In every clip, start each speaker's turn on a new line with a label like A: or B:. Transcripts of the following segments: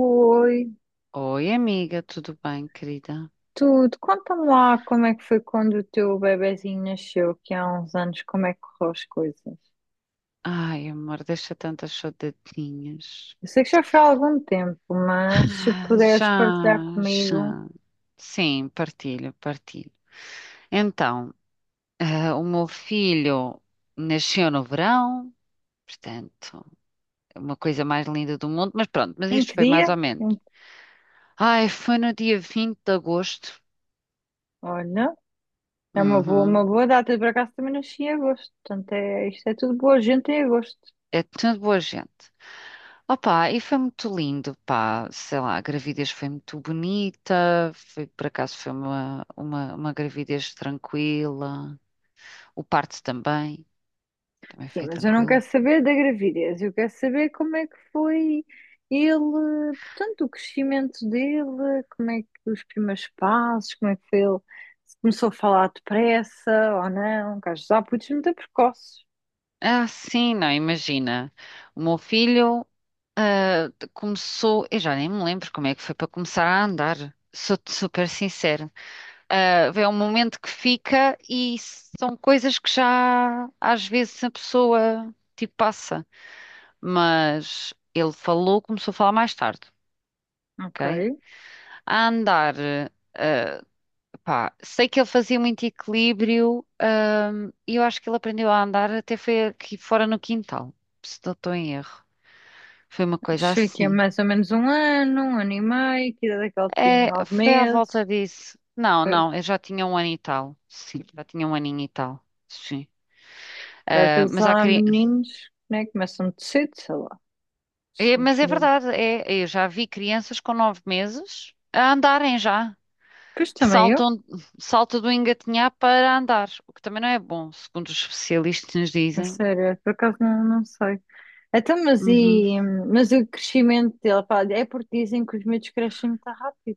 A: Oi,
B: Oi, amiga, tudo bem, querida?
A: tudo. Conta-me lá como é que foi quando o teu bebezinho nasceu, que há uns anos, como é que correu as coisas?
B: Ai, amor, deixa tantas saudadinhas.
A: Eu sei que já foi há algum tempo, mas se
B: Ah,
A: puderes partilhar
B: já,
A: comigo,
B: já. Sim, partilho, partilho. Então, ah, o meu filho nasceu no verão. Portanto, é uma coisa mais linda do mundo, mas pronto, mas
A: em
B: isto
A: que
B: foi mais
A: dia?
B: ou menos.
A: Em-
B: Ai, foi no dia 20 de agosto.
A: Olha, é uma
B: Uhum.
A: boa data. Eu, por acaso também nasci em agosto, portanto é, isto é tudo boa gente em agosto.
B: É tudo boa gente. Opa, e foi muito lindo, pá, sei lá, a gravidez foi muito bonita, foi, por acaso foi uma gravidez tranquila, o parto também, também
A: Sim,
B: foi
A: mas eu não
B: tranquilo.
A: quero saber da gravidez, eu quero saber como é que foi ele, portanto, o crescimento dele, como é que os primeiros passos, como é que foi ele, se começou a falar depressa ou não, que às vezes há putos muito precoces.
B: Ah, sim, não, imagina, o meu filho ah, começou. Eu já nem me lembro como é que foi para começar a andar, sou-te super sincera. Ah, é um momento que fica e são coisas que já às vezes a pessoa tipo passa. Mas ele falou, começou a falar mais tarde, ok?
A: Ok,
B: A andar, eh, pá, sei que ele fazia muito equilíbrio, e eu acho que ele aprendeu a andar até foi aqui fora no quintal, se não estou em erro. Foi uma coisa
A: achei que é
B: assim.
A: mais ou menos um ano e meio, que idade é que ele tinha?
B: É,
A: Nove
B: foi à volta
A: meses.
B: disso. Não,
A: Ok,
B: não, eu já tinha um ano e tal. Sim, já tinha um aninho e tal. Sim.
A: que às
B: Ah,
A: vezes
B: mas há
A: há
B: cri...
A: meninos, né, que começam de cedo, sei lá, os
B: É, mas é
A: meninos.
B: verdade, é, eu já vi crianças com 9 meses a andarem já.
A: Pois também eu,
B: Saltam, salta do engatinhar para andar, o que também não é bom, segundo os especialistas nos
A: a
B: dizem.
A: sério, por acaso não, não sei. Então, mas,
B: Uhum.
A: e, mas o crescimento dele, pá, é porque dizem que os miúdos crescem muito rápido.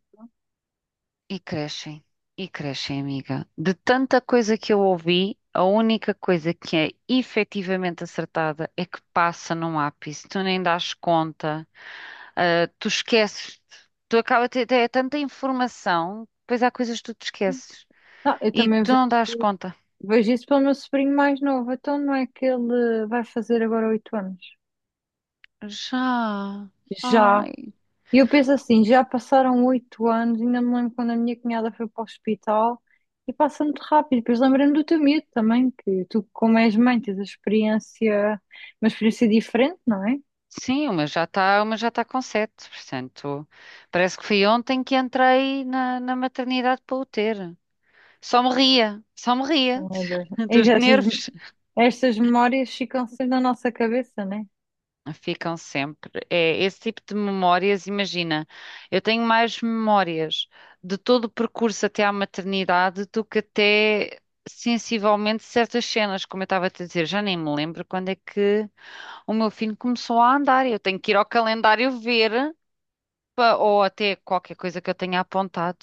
B: E crescem, e crescem, amiga. De tanta coisa que eu ouvi, a única coisa que é efetivamente acertada é que passa num ápice, tu nem dás conta, ah, tu esqueces, tu acaba de ter é tanta informação, depois há coisas que tu te esqueces
A: Não, eu
B: e
A: também
B: tu não dás
A: vejo,
B: conta.
A: vejo isso pelo meu sobrinho mais novo, então não é que ele vai fazer agora oito anos.
B: Já.
A: Já.
B: Ai,
A: E eu penso assim, já passaram oito anos, ainda me lembro quando a minha cunhada foi para o hospital e passa muito rápido. Depois lembrando do teu miúdo também, que tu, como és mãe, tens a experiência, uma experiência diferente, não é?
B: sim, uma já está com sete. Portanto, parece que foi ontem que entrei na, na maternidade para o ter. Só me ria
A: Não é das- é
B: dos
A: das-
B: nervos.
A: Estas memórias ficam sempre na nossa cabeça, né?
B: Ficam sempre. É esse tipo de memórias, imagina, eu tenho mais memórias de todo o percurso até à maternidade do que até sensivelmente certas cenas, como eu estava a te dizer, já nem me lembro quando é que o meu filho começou a andar. Eu tenho que ir ao calendário ver. Ou até qualquer coisa que eu tenha apontado.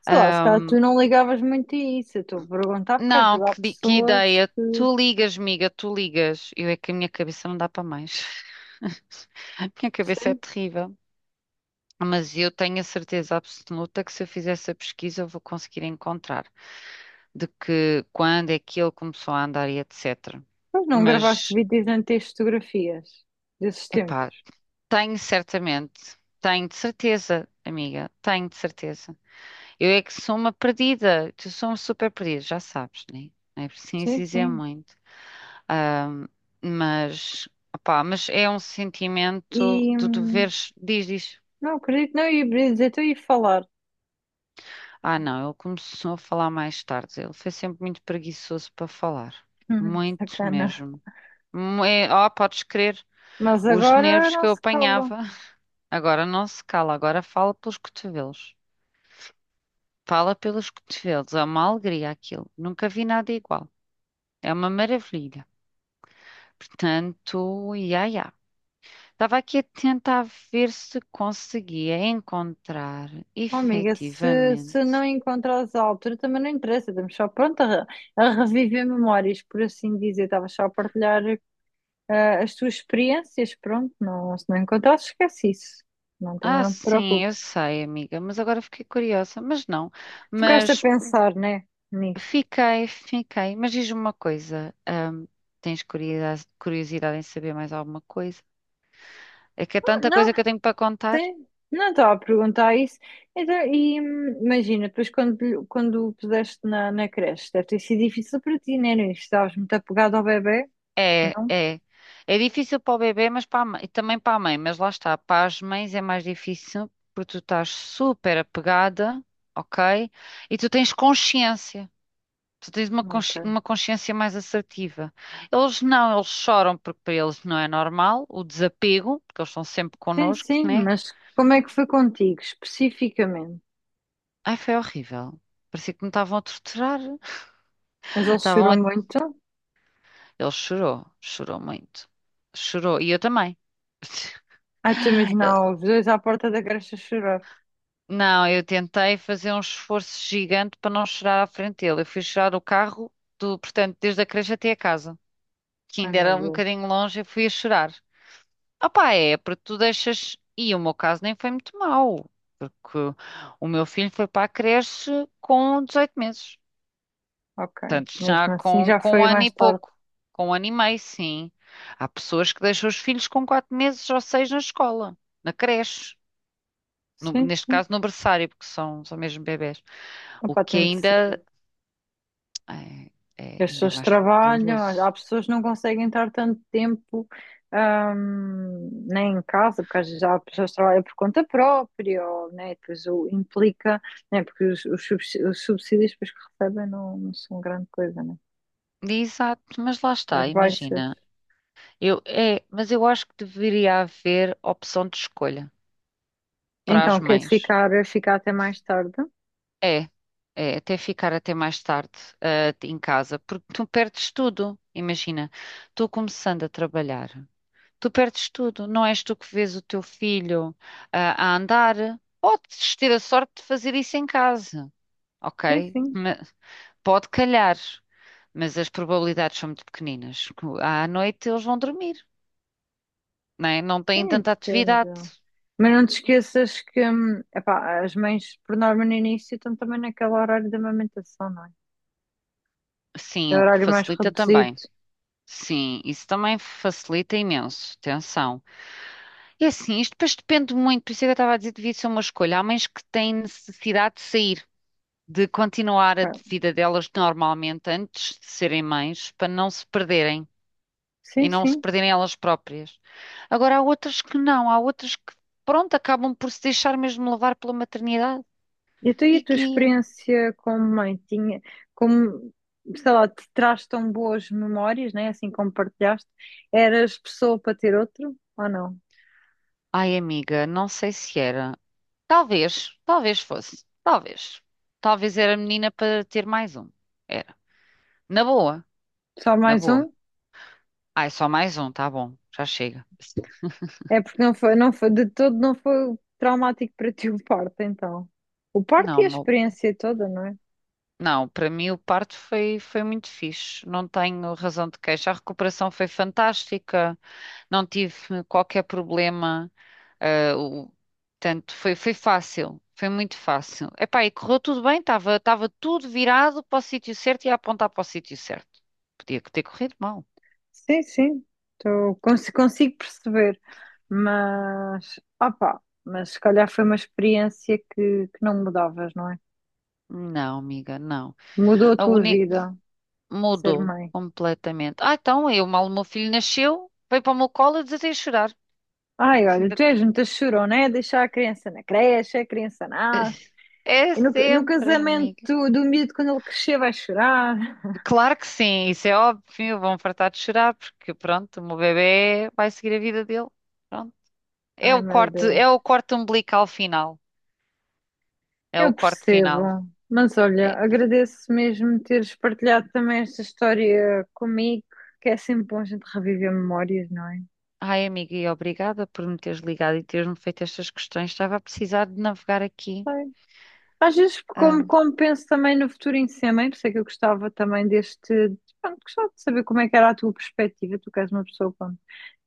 A: Sei lá, se calhar
B: Ahm,
A: tu não ligavas muito a isso. Eu estou a perguntar porque às
B: não,
A: vezes há
B: que, que
A: pessoas
B: ideia.
A: que.
B: Tu ligas, miga, tu ligas. Eu é que a minha cabeça não dá para mais. A minha cabeça é
A: Sim.
B: terrível. Mas eu tenho a certeza absoluta que se eu fizer essa pesquisa eu vou conseguir encontrar de que quando é que ele começou a andar e etc.
A: Pois não gravaste
B: Mas,
A: vídeos nem tens fotografias desses
B: epá,
A: tempos.
B: tenho certamente, tenho de certeza, amiga, tenho de certeza. Eu é que sou uma perdida. Tu sou uma super perdida, já sabes, né? Não é preciso
A: Sim,
B: dizer
A: sim.
B: muito. Ahm, mas, opá, mas é um sentimento
A: E.
B: de
A: hum,
B: deveres. Diz, diz.
A: Não, acredito, não ia dizer, estou a ir falar.
B: Ah, não, ele começou a falar mais tarde. Ele foi sempre muito preguiçoso para falar. Muito
A: Sacana.
B: mesmo. É, oh, podes crer,
A: Mas
B: os
A: agora
B: nervos
A: não
B: que eu
A: se cala.
B: apanhava. Agora não se cala, agora fala pelos cotovelos. Fala pelos cotovelos, é uma alegria aquilo. Nunca vi nada igual. É uma maravilha. Portanto, ia, ia. Estava aqui a tentar ver se conseguia encontrar
A: Oh, amiga, se
B: efetivamente.
A: não encontrares a altura, também não interessa. Estamos só pronto a, re- A reviver memórias, por assim dizer. Estava só a partilhar as tuas experiências, pronto, não, se não encontrares, esquece isso. Não, também
B: Ah,
A: não te
B: sim, eu
A: preocupes.
B: sei, amiga, mas agora fiquei curiosa. Mas não,
A: Ficaste a
B: mas
A: pensar, né, nisso.
B: fiquei, fiquei. Mas diz-me uma coisa: tens curiosidade em saber mais alguma coisa? É que é tanta
A: Não,
B: coisa que eu tenho para contar.
A: sim, não estava a perguntar isso. Então, e imagina, depois quando, quando o puseste na, na creche, deve ter sido difícil para ti, né? Inês? Estavas muito apegado ao bebê?
B: É,
A: Não?
B: é. É difícil para o bebê, mas para a mãe, e também para a mãe, mas lá está, para as mães é mais difícil porque tu estás super apegada, ok? E tu tens consciência, tu tens uma,
A: Ok.
B: uma consciência mais assertiva. Eles não, eles choram porque para eles não é normal, o desapego, porque eles estão sempre
A: Sim,
B: connosco,
A: sim,
B: né?
A: mas como é que foi contigo, especificamente?
B: Ai, foi horrível. Parecia que me estavam a torturar.
A: Mas ele
B: Estavam
A: chorou
B: a...
A: muito?
B: Ele chorou, chorou muito. Chorou, e eu também.
A: Ah, tu imaginava os dois à porta da creche a chorar.
B: Não, eu tentei fazer um esforço gigante para não chegar à frente dele. Eu fui chorar o carro do, portanto, desde a creche até a casa, que
A: Ai,
B: ainda
A: meu
B: era um
A: Deus.
B: bocadinho longe, eu fui a chorar. Opá, é, porque tu deixas. E o meu caso nem foi muito mau, porque o meu filho foi para a creche com 18 meses.
A: Ok,
B: Portanto, já
A: mesmo assim
B: com,
A: já
B: com um
A: foi
B: ano
A: mais
B: e
A: tarde.
B: pouco, com um ano e meio, sim. Há pessoas que deixam os filhos com 4 meses ou 6 na escola, na creche.
A: Sim,
B: Neste
A: sim.
B: caso, no berçário, porque são, são mesmo bebés. O
A: Epá,
B: que
A: tem de ser.
B: ainda é, é
A: As
B: ainda é
A: pessoas
B: mais
A: trabalham, há
B: doloroso.
A: pessoas que não conseguem estar tanto tempo nem em casa, porque às vezes há pessoas que trabalham por conta própria, ou, né, e depois o implica, né, porque os, os subsídios depois que recebem não, não são grande coisa, né?
B: Exato, mas lá está,
A: As baixas.
B: imagina. Eu, é, mas eu acho que deveria haver opção de escolha para as
A: Então, quer
B: mães.
A: ficar, ficar até mais tarde?
B: É, é até ficar até mais tarde, ah, em casa, porque tu perdes tudo. Imagina, tu começando a trabalhar, tu perdes tudo. Não és tu que vês o teu filho, ah, a andar. Podes ter a sorte de fazer isso em casa.
A: Sim,
B: Ok?
A: sim.
B: Pode calhar, mas as probabilidades são muito pequeninas. À noite eles vão dormir, né? Não têm
A: Sim,
B: tanta
A: depende.
B: atividade.
A: Mas não te esqueças que, epá, as mães, por norma, no início estão também naquele horário da amamentação, não é? É
B: Sim,
A: o
B: o que
A: horário mais
B: facilita
A: reduzido.
B: também. Sim, isso também facilita imenso. Atenção. E assim, isto depois depende muito, por isso é que eu estava a dizer, devia ser uma escolha. Há mães que têm necessidade de sair, de continuar a
A: Ok.
B: vida delas normalmente antes de serem mães, para não se perderem. E
A: Sim,
B: não se
A: sim.
B: perderem elas próprias. Agora, há outras que não, há outras que, pronto, acabam por se deixar mesmo levar pela maternidade
A: E tu e a
B: e
A: tua
B: que.
A: experiência como mãe? Tinha, como, sei lá, te traz tão boas memórias, né? Assim como partilhaste. Eras pessoa para ter outro ou não?
B: Ai, amiga, não sei se era. Talvez, talvez fosse, talvez. Talvez era menina para ter mais um. Era. Na boa,
A: Só
B: na
A: mais
B: boa.
A: um?
B: Ai, só mais um, tá bom, já chega.
A: É porque não foi, não foi, de todo não foi traumático para ti o parto, então. O parto
B: Não,
A: e a experiência toda, não é?
B: não, para mim o parto foi, foi muito fixe. Não tenho razão de queixa. A recuperação foi fantástica. Não tive qualquer problema. ah, o- Portanto, foi, foi fácil, foi muito fácil. Epá, e correu tudo bem, estava tudo virado para o sítio certo e a apontar para o sítio certo. Podia ter corrido mal.
A: Sim, sim, tô, consigo perceber, mas opá, mas se calhar foi uma experiência que não mudavas, não é?
B: Não, amiga, não.
A: Mudou a
B: A
A: tua
B: uni
A: vida ser
B: mudou
A: mãe.
B: completamente. Ah, então, eu mal o meu filho nasceu, veio para o meu colo e desatei a chorar.
A: Ai, olha, tu és muita chorona, é deixar a criança na creche, a criança nasce,
B: É
A: e no, no
B: sempre,
A: casamento
B: amiga.
A: do miúdo, quando ele crescer, vai chorar.
B: Claro que sim, isso é óbvio, vão fartar de chorar, porque pronto, o meu bebê vai seguir a vida dele. Pronto.
A: Ai, meu Deus,
B: É o corte umbilical final. É o
A: eu
B: corte
A: percebo,
B: final.
A: mas olha,
B: É-
A: agradeço mesmo teres partilhado também esta história comigo, que é sempre bom a gente reviver memórias, não
B: Ai, amiga, e obrigada por me teres ligado e teres-me feito estas questões. Estava a precisar de navegar aqui.
A: é? Às vezes, como,
B: Ah,
A: como penso também no futuro em si, mãe, por isso é que eu gostava também deste. Pronto, gostava de saber como é que era a tua perspectiva. Tu que és uma pessoa com-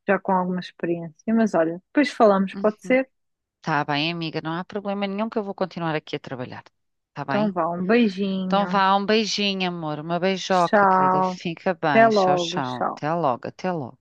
A: Já com alguma experiência. Mas olha, depois falamos, pode
B: uhum.
A: ser?
B: Tá bem, amiga, não há problema nenhum que eu vou continuar aqui a trabalhar. Tá
A: Então
B: bem?
A: vá, um
B: Então
A: beijinho.
B: vá, um beijinho, amor, uma beijoca, querida.
A: Tchau.
B: Fica
A: Até
B: bem. Tchau,
A: logo.
B: tchau.
A: Tchau.
B: Até logo, até logo.